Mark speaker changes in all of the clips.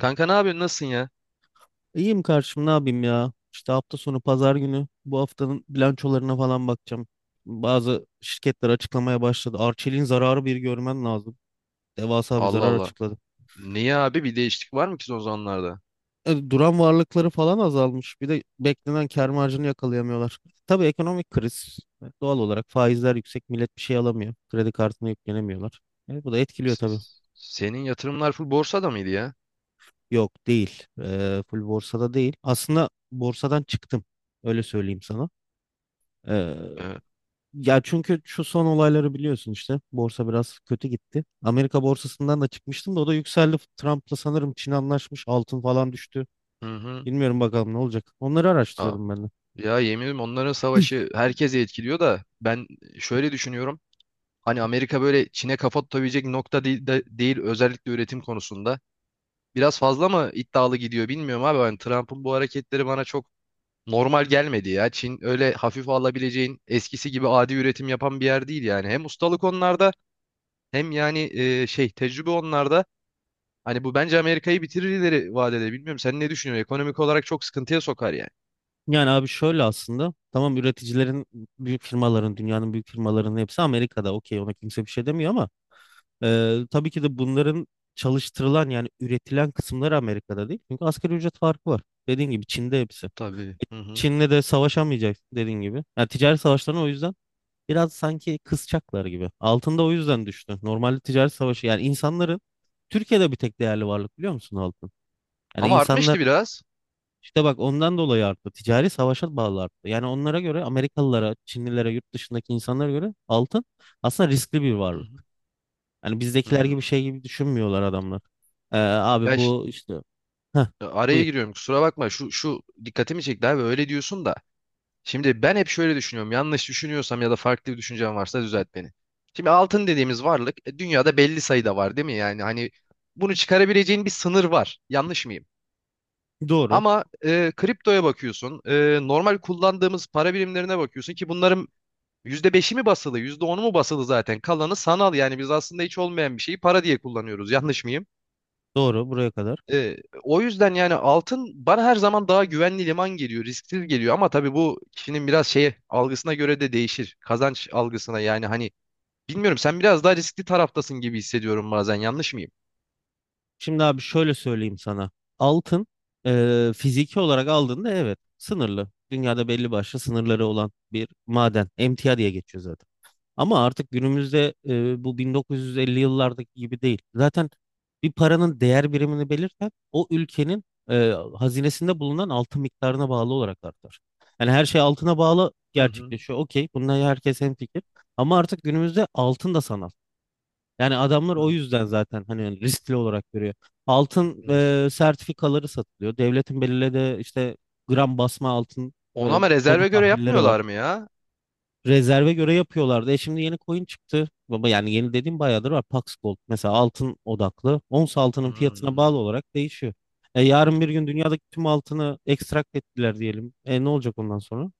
Speaker 1: Kanka ne yapıyorsun? Nasılsın ya?
Speaker 2: İyiyim karşım ne yapayım ya? İşte hafta sonu pazar günü bu haftanın bilançolarına falan bakacağım. Bazı şirketler açıklamaya başladı. Arçelik'in zararı bir görmen lazım. Devasa bir
Speaker 1: Allah
Speaker 2: zarar
Speaker 1: Allah.
Speaker 2: açıkladı.
Speaker 1: Niye abi? Bir değişiklik var mı ki son zamanlarda?
Speaker 2: Duran varlıkları falan azalmış. Bir de beklenen kâr marjını yakalayamıyorlar. Tabii ekonomik kriz. Doğal olarak faizler yüksek. Millet bir şey alamıyor. Kredi kartına yüklenemiyorlar. Bu da etkiliyor tabii.
Speaker 1: Senin yatırımlar full borsada mıydı ya?
Speaker 2: Yok değil. Full borsada değil. Aslında borsadan çıktım. Öyle söyleyeyim sana. E,
Speaker 1: Evet.
Speaker 2: Ya çünkü şu son olayları biliyorsun işte. Borsa biraz kötü gitti. Amerika borsasından da çıkmıştım da o da yükseldi. Trump'la sanırım Çin anlaşmış. Altın falan düştü.
Speaker 1: Hı hı.
Speaker 2: Bilmiyorum bakalım ne olacak. Onları
Speaker 1: Aa,
Speaker 2: araştırıyordum ben de.
Speaker 1: ya yemin ederim onların savaşı herkese etkiliyor da ben şöyle düşünüyorum. Hani Amerika böyle Çin'e kafa tutabilecek nokta değil, değil özellikle üretim konusunda. Biraz fazla mı iddialı gidiyor bilmiyorum abi. Hani Trump'ın bu hareketleri bana çok normal gelmedi ya. Çin öyle hafif alabileceğin eskisi gibi adi üretim yapan bir yer değil yani. Hem ustalık onlarda, hem yani şey tecrübe onlarda. Hani bu bence Amerika'yı bitirir ileri vadede. Bilmiyorum sen ne düşünüyorsun? Ekonomik olarak çok sıkıntıya sokar yani.
Speaker 2: Yani abi şöyle aslında. Tamam, üreticilerin büyük firmaların, dünyanın büyük firmalarının hepsi Amerika'da. Okey, ona kimse bir şey demiyor ama tabii ki de bunların çalıştırılan yani üretilen kısımları Amerika'da değil. Çünkü asgari ücret farkı var. Dediğin gibi Çin'de hepsi.
Speaker 1: Tabii. Hı hı.
Speaker 2: Çin'le de savaşamayacak dediğin gibi. Yani ticaret savaşlarına o yüzden biraz sanki kısacaklar gibi. Altında o yüzden düştü. Normalde ticaret savaşı, yani insanların Türkiye'de bir tek değerli varlık biliyor musun? Altın. Yani
Speaker 1: Ama
Speaker 2: insanlar,
Speaker 1: artmıştı biraz.
Speaker 2: işte bak, ondan dolayı arttı. Ticari savaşa bağlı arttı. Yani onlara göre, Amerikalılara, Çinlilere, yurt dışındaki insanlara göre altın aslında riskli bir
Speaker 1: Hı
Speaker 2: varlık.
Speaker 1: hı.
Speaker 2: Yani bizdekiler
Speaker 1: Hmm.
Speaker 2: gibi şey gibi düşünmüyorlar adamlar. Abi
Speaker 1: Ya ş-
Speaker 2: bu işte. Heh,
Speaker 1: Araya
Speaker 2: buyur.
Speaker 1: giriyorum, kusura bakma, şu dikkatimi çekti abi, öyle diyorsun da. Şimdi ben hep şöyle düşünüyorum, yanlış düşünüyorsam ya da farklı bir düşüncem varsa düzelt beni. Şimdi altın dediğimiz varlık dünyada belli sayıda var, değil mi? Yani hani bunu çıkarabileceğin bir sınır var. Yanlış mıyım?
Speaker 2: Doğru.
Speaker 1: Ama kriptoya bakıyorsun, normal kullandığımız para birimlerine bakıyorsun ki bunların %5'i mi basılı, %10'u mu basılı zaten? Kalanı sanal, yani biz aslında hiç olmayan bir şeyi para diye kullanıyoruz. Yanlış mıyım?
Speaker 2: Doğru buraya kadar.
Speaker 1: E, o yüzden yani altın bana her zaman daha güvenli liman geliyor, risksiz geliyor, ama tabii bu kişinin biraz şeye algısına göre de değişir. Kazanç algısına yani, hani bilmiyorum, sen biraz daha riskli taraftasın gibi hissediyorum bazen. Yanlış mıyım?
Speaker 2: Şimdi abi şöyle söyleyeyim sana. Altın fiziki olarak aldığında evet sınırlı. Dünyada belli başlı sınırları olan bir maden. Emtia diye geçiyor zaten. Ama artık günümüzde bu 1950 yıllardaki gibi değil. Zaten bir paranın değer birimini belirten o ülkenin hazinesinde bulunan altın miktarına bağlı olarak artar. Yani her şey altına bağlı
Speaker 1: Hı hı.
Speaker 2: gerçekleşiyor. Okey, bununla herkes hemfikir. Ama artık günümüzde altın da sanal. Yani adamlar
Speaker 1: Hı
Speaker 2: o
Speaker 1: hı.
Speaker 2: yüzden zaten hani riskli olarak görüyor. Altın
Speaker 1: Evet.
Speaker 2: sertifikaları satılıyor. Devletin belirlediği işte gram basma altın e,
Speaker 1: Ona mı,
Speaker 2: bono
Speaker 1: rezerve göre
Speaker 2: tahvilleri var.
Speaker 1: yapmıyorlar mı ya?
Speaker 2: Rezerve göre yapıyorlardı. E, şimdi yeni coin çıktı. Baba, yani yeni dediğim bayağıdır var. Pax Gold mesela, altın odaklı. Ons altının fiyatına
Speaker 1: Hmm.
Speaker 2: bağlı olarak değişiyor. E, yarın bir gün dünyadaki tüm altını ekstrakt ettiler diyelim. E, ne olacak ondan sonra?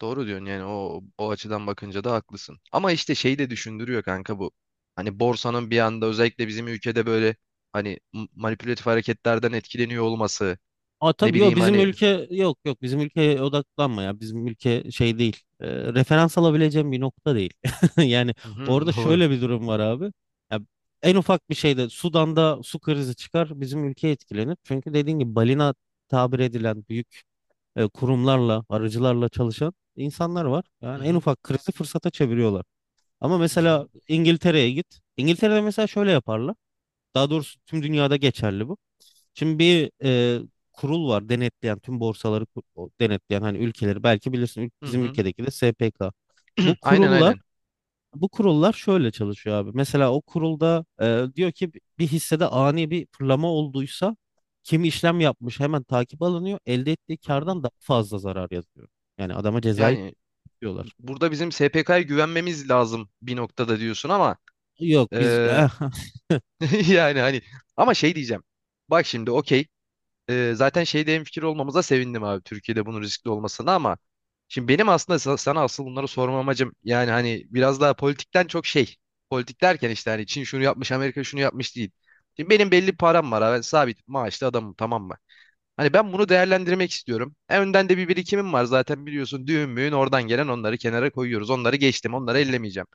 Speaker 1: Doğru diyorsun yani, o açıdan bakınca da haklısın. Ama işte şey de düşündürüyor kanka bu. Hani borsanın bir anda özellikle bizim ülkede böyle hani manipülatif hareketlerden etkileniyor olması.
Speaker 2: Aa,
Speaker 1: Ne
Speaker 2: tabii yok,
Speaker 1: bileyim
Speaker 2: bizim
Speaker 1: hani.
Speaker 2: ülke, yok yok, bizim ülkeye odaklanma ya, bizim ülke şey değil. Referans alabileceğim bir nokta değil yani.
Speaker 1: Hı hı,
Speaker 2: Orada
Speaker 1: doğru.
Speaker 2: şöyle bir durum var abi, ya, en ufak bir şeyde Sudan'da su krizi çıkar bizim ülke etkilenir, çünkü dediğin gibi balina tabir edilen büyük kurumlarla, arıcılarla çalışan insanlar var,
Speaker 1: Hı
Speaker 2: yani en
Speaker 1: hı,
Speaker 2: ufak krizi fırsata çeviriyorlar. Ama
Speaker 1: hı hı,
Speaker 2: mesela İngiltere'ye git, İngiltere'de mesela şöyle yaparlar, daha doğrusu tüm dünyada geçerli bu. Şimdi bir kurul var denetleyen tüm borsaları, o denetleyen hani ülkeleri, belki bilirsin,
Speaker 1: hı
Speaker 2: bizim
Speaker 1: hı.
Speaker 2: ülkedeki de SPK. Bu
Speaker 1: Aynen
Speaker 2: kurullar
Speaker 1: aynen.
Speaker 2: bu kurullar şöyle çalışıyor abi. Mesela o kurulda diyor ki bir hissede ani bir fırlama olduysa, kim işlem yapmış hemen takip alınıyor. Elde ettiği
Speaker 1: Hı hı.
Speaker 2: kardan daha fazla zarar yazıyor. Yani adama cezayı
Speaker 1: Yani
Speaker 2: tutuyorlar.
Speaker 1: burada bizim SPK'ya güvenmemiz lazım bir noktada diyorsun ama
Speaker 2: Yok biz.
Speaker 1: eee, yani hani, ama şey diyeceğim. Bak şimdi okey, zaten şeyde hemfikir olmamıza sevindim abi, Türkiye'de bunun riskli olmasına, ama şimdi benim aslında sana asıl bunları sorma amacım yani hani biraz daha politikten çok şey, politik derken işte hani Çin şunu yapmış, Amerika şunu yapmış değil. Şimdi benim belli bir param var abi, ben sabit maaşlı adamım, tamam mı? Hani ben bunu değerlendirmek istiyorum. En önden de bir birikimim var zaten biliyorsun, düğün müğün oradan gelen, onları kenara koyuyoruz, onları geçtim, onları ellemeyeceğim.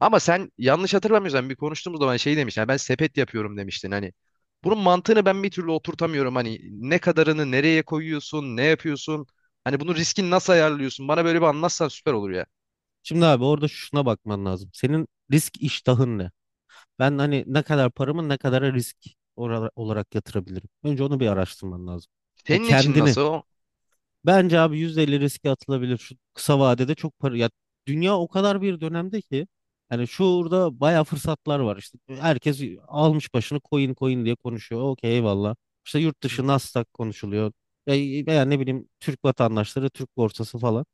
Speaker 1: Ama sen yanlış hatırlamıyorsam bir konuştuğumuz zaman şey demiştin. "Ha, ben sepet yapıyorum" demiştin. Hani bunun mantığını ben bir türlü oturtamıyorum. Hani ne kadarını nereye koyuyorsun, ne yapıyorsun? Hani bunun riskini nasıl ayarlıyorsun? Bana böyle bir anlatsan süper olur ya.
Speaker 2: Şimdi abi, orada şuna bakman lazım. Senin risk iştahın ne? Ben hani ne kadar paramı, ne kadar risk olarak yatırabilirim? Önce onu bir araştırman lazım. Ya
Speaker 1: Senin için
Speaker 2: kendini.
Speaker 1: nasıl o?
Speaker 2: Bence abi %50 riske atılabilir. Şu kısa vadede çok para. Ya, dünya o kadar bir dönemde ki. Hani şurada bayağı fırsatlar var. İşte herkes almış başını coin coin diye konuşuyor. Okey, eyvallah. İşte yurt
Speaker 1: Hı
Speaker 2: dışı
Speaker 1: hı,
Speaker 2: Nasdaq konuşuluyor. Ya, veya ne bileyim, Türk vatandaşları, Türk borsası falan.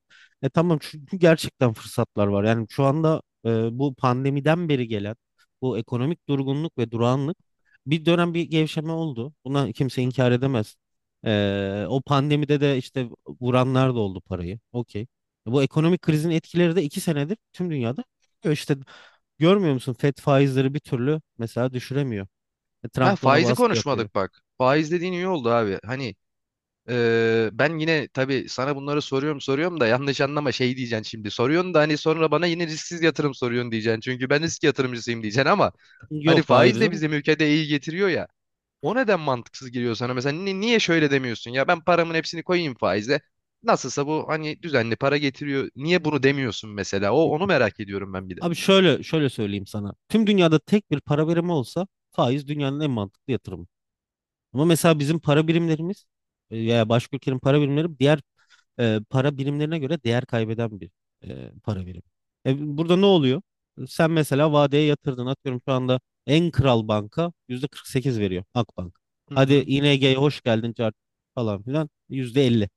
Speaker 2: E, tamam, çünkü gerçekten fırsatlar var. Yani şu anda bu pandemiden beri gelen bu ekonomik durgunluk ve durağanlık, bir dönem bir gevşeme oldu. Buna kimse
Speaker 1: hı hı,
Speaker 2: inkar edemez. O pandemide de işte vuranlar da oldu parayı. Okey. Bu ekonomik
Speaker 1: hı
Speaker 2: krizin
Speaker 1: hı.
Speaker 2: etkileri de 2 senedir tüm dünyada görülüyor. İşte görmüyor musun? Fed faizleri bir türlü mesela düşüremiyor.
Speaker 1: Ha,
Speaker 2: Trump da ona
Speaker 1: faizi
Speaker 2: baskı yapıyor.
Speaker 1: konuşmadık bak. Faiz dediğin iyi oldu abi. Hani ben yine tabii sana bunları soruyorum soruyorum da, yanlış anlama, şey diyeceksin şimdi. Soruyorsun da hani sonra bana yine risksiz yatırım soruyorsun diyeceksin. Çünkü ben risk yatırımcısıyım diyeceksin ama hani
Speaker 2: Yok, hayır
Speaker 1: faiz de
Speaker 2: canım.
Speaker 1: bizim ülkede iyi getiriyor ya. O neden mantıksız geliyor sana? Mesela niye şöyle demiyorsun? Ya ben paramın hepsini koyayım faize. Nasılsa bu hani düzenli para getiriyor. Niye bunu demiyorsun mesela? Onu merak ediyorum ben bir de.
Speaker 2: Abi şöyle söyleyeyim sana. Tüm dünyada tek bir para birimi olsa, faiz dünyanın en mantıklı yatırımı. Ama mesela bizim para birimlerimiz, ya başka ülkenin para birimleri, diğer para birimlerine göre değer kaybeden bir para birimi. Burada ne oluyor? Sen mesela vadeye yatırdın. Atıyorum, şu anda en kral banka yüzde 48 veriyor, Akbank.
Speaker 1: Hı
Speaker 2: Hadi
Speaker 1: hı,
Speaker 2: ING'ye hoş geldin cart falan filan, yüzde 50.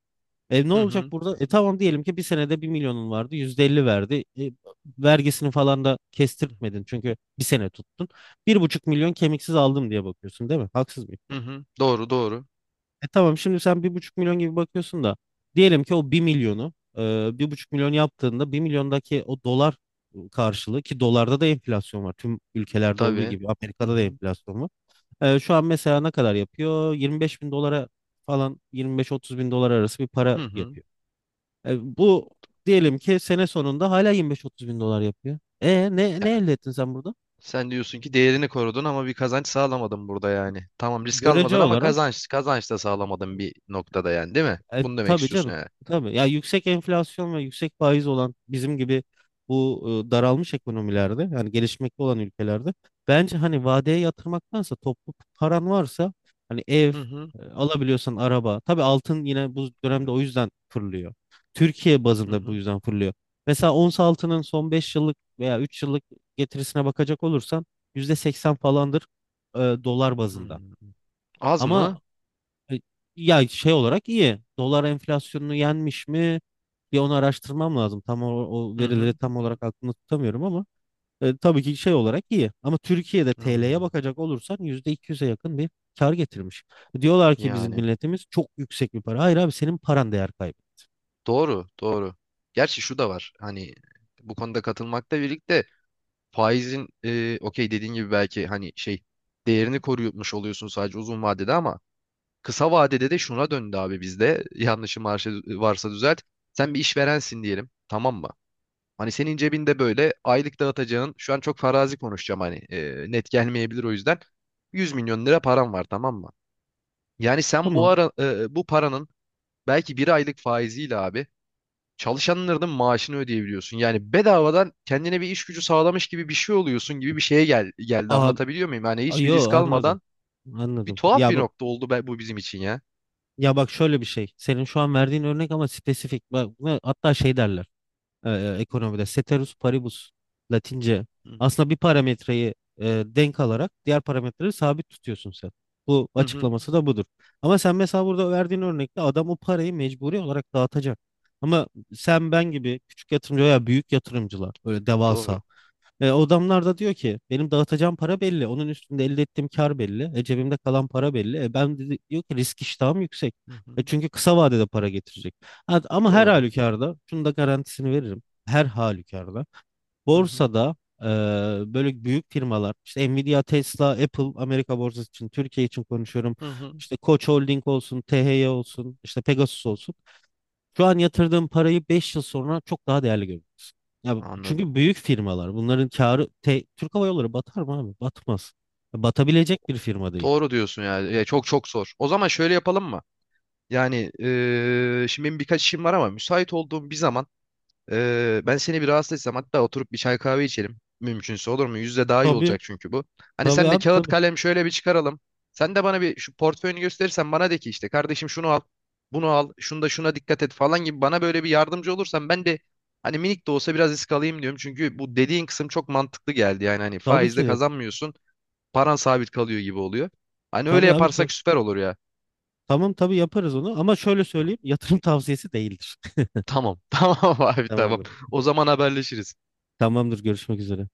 Speaker 2: Ne
Speaker 1: hı
Speaker 2: olacak
Speaker 1: hı,
Speaker 2: burada? Tamam, diyelim ki bir senede bir milyonun vardı, yüzde 50 verdi. Vergisini falan da kestirtmedin çünkü bir sene tuttun. Bir buçuk milyon kemiksiz aldım diye bakıyorsun, değil mi? Haksız mı?
Speaker 1: hı hı. Doğru, doğru.
Speaker 2: Tamam, şimdi sen bir buçuk milyon gibi bakıyorsun da, diyelim ki o bir milyonu bir buçuk milyon yaptığında, bir milyondaki o dolar karşılığı, ki dolarda da enflasyon var. Tüm ülkelerde olduğu
Speaker 1: Tabii.
Speaker 2: gibi
Speaker 1: Hı
Speaker 2: Amerika'da da
Speaker 1: hı,
Speaker 2: enflasyon var. Şu an mesela ne kadar yapıyor? 25 bin dolara falan, 25-30 bin dolar arası bir para
Speaker 1: hı hı.
Speaker 2: yapıyor. Bu, diyelim ki sene sonunda hala 25-30 bin dolar yapıyor. E ne,
Speaker 1: Ya,
Speaker 2: ne elde ettin sen burada?
Speaker 1: sen diyorsun ki değerini korudun ama bir kazanç sağlamadın burada yani. Tamam, risk
Speaker 2: Görece
Speaker 1: almadın ama
Speaker 2: olarak.
Speaker 1: kazanç da sağlamadın bir noktada yani, değil mi? Bunu demek
Speaker 2: Tabii
Speaker 1: istiyorsun
Speaker 2: canım.
Speaker 1: yani.
Speaker 2: Tabii. Ya yüksek enflasyon ve yüksek faiz olan bizim gibi bu daralmış ekonomilerde, yani gelişmekte olan ülkelerde, bence hani vadeye yatırmaktansa, toplu paran varsa, hani ev,
Speaker 1: Hı hı.
Speaker 2: alabiliyorsan araba. Tabii altın yine bu dönemde o yüzden fırlıyor. Türkiye
Speaker 1: Hı
Speaker 2: bazında bu
Speaker 1: hı.
Speaker 2: yüzden fırlıyor. Mesela ons altının son 5 yıllık veya 3 yıllık getirisine bakacak olursan, %80 falandır dolar
Speaker 1: Hı
Speaker 2: bazında.
Speaker 1: hı. Az mı?
Speaker 2: Ama e, ya şey olarak iyi. Dolar enflasyonunu yenmiş mi? Bir onu araştırmam lazım. Tam o
Speaker 1: Hı hı.
Speaker 2: verileri tam olarak aklımda tutamıyorum ama tabii ki şey olarak iyi. Ama Türkiye'de TL'ye
Speaker 1: Anladım.
Speaker 2: bakacak olursan %200'e yakın bir kar getirmiş. Diyorlar ki bizim
Speaker 1: Yani.
Speaker 2: milletimiz çok yüksek bir para. Hayır abi, senin paran değer kaybı.
Speaker 1: Doğru, doğru. Gerçi şu da var. Hani bu konuda katılmakla birlikte faizin okey dediğin gibi, belki hani şey, değerini koruymuş oluyorsun sadece uzun vadede, ama kısa vadede de şuna döndü abi bizde. Yanlışım varsa, düzelt. Sen bir işverensin diyelim. Tamam mı? Hani senin cebinde böyle aylık dağıtacağın, şu an çok farazi konuşacağım hani, net gelmeyebilir o yüzden, 100 milyon lira param var, tamam mı? Yani sen bu
Speaker 2: Tamam.
Speaker 1: ara bu paranın belki bir aylık faiziyle abi çalışanların maaşını ödeyebiliyorsun. Yani bedavadan kendine bir iş gücü sağlamış gibi bir şey oluyorsun gibi bir şeye gel geldi.
Speaker 2: Aa,
Speaker 1: Anlatabiliyor muyum? Yani hiçbir
Speaker 2: yo
Speaker 1: risk
Speaker 2: anladım.
Speaker 1: almadan bir
Speaker 2: Anladım.
Speaker 1: tuhaf
Speaker 2: Ya
Speaker 1: bir
Speaker 2: bak
Speaker 1: nokta oldu bu bizim için ya.
Speaker 2: ya bak şöyle bir şey. Senin şu an verdiğin örnek ama spesifik. Bak, ve hatta şey derler. e, Ekonomide ceteris paribus, Latince,
Speaker 1: Hı
Speaker 2: aslında bir parametreyi denk alarak diğer parametreleri sabit tutuyorsun sen. Bu
Speaker 1: hı. Hı,
Speaker 2: açıklaması da budur. Ama sen mesela burada verdiğin örnekte adam o parayı mecburi olarak dağıtacak. Ama sen ben gibi küçük yatırımcı veya büyük yatırımcılar böyle
Speaker 1: doğru.
Speaker 2: devasa, o adamlar da diyor ki benim dağıtacağım para belli. Onun üstünde elde ettiğim kar belli. Cebimde kalan para belli. Ben dedi, diyor ki risk iştahım yüksek.
Speaker 1: Hı hı.
Speaker 2: Çünkü kısa vadede para getirecek. Ha, ama her
Speaker 1: Doğru.
Speaker 2: halükarda şunu da garantisini veririm. Her halükarda
Speaker 1: Hı hı.
Speaker 2: borsada, e, böyle büyük firmalar, işte Nvidia, Tesla, Apple, Amerika borsası için, Türkiye için konuşuyorum.
Speaker 1: Hı hı.
Speaker 2: İşte Koç Holding olsun, THY olsun, işte Pegasus
Speaker 1: Hı.
Speaker 2: olsun. Şu an yatırdığın parayı 5 yıl sonra çok daha değerli görürsün. Ya,
Speaker 1: Anladım.
Speaker 2: çünkü büyük firmalar, bunların karı, Türk Hava Yolları batar mı abi? Batmaz. Ya, batabilecek bir firma değil.
Speaker 1: Doğru diyorsun yani. Ya, çok çok zor. O zaman şöyle yapalım mı? Yani şimdi benim birkaç işim var ama müsait olduğum bir zaman, ben seni bir rahatsız etsem, hatta oturup bir çay kahve içelim. Mümkünse olur mu? Yüzde daha iyi
Speaker 2: Tabii.
Speaker 1: olacak çünkü bu. Hani
Speaker 2: Tabii
Speaker 1: senle
Speaker 2: abi
Speaker 1: kağıt
Speaker 2: tabii.
Speaker 1: kalem şöyle bir çıkaralım. Sen de bana bir şu portföyünü gösterirsen, bana de ki "işte kardeşim şunu al, bunu al, şunda şuna dikkat et" falan gibi, bana böyle bir yardımcı olursan ben de hani minik de olsa biraz risk alayım diyorum. Çünkü bu dediğin kısım çok mantıklı geldi. Yani hani
Speaker 2: Tabii ki
Speaker 1: faizde
Speaker 2: de.
Speaker 1: kazanmıyorsun, paran sabit kalıyor gibi oluyor. Hani öyle
Speaker 2: Tabii abi tabii.
Speaker 1: yaparsak süper olur ya.
Speaker 2: Tamam, tabii yaparız onu ama şöyle söyleyeyim, yatırım tavsiyesi değildir.
Speaker 1: Tamam, tamam abi tamam.
Speaker 2: Tamamdır.
Speaker 1: O zaman haberleşiriz.
Speaker 2: Tamamdır, görüşmek üzere.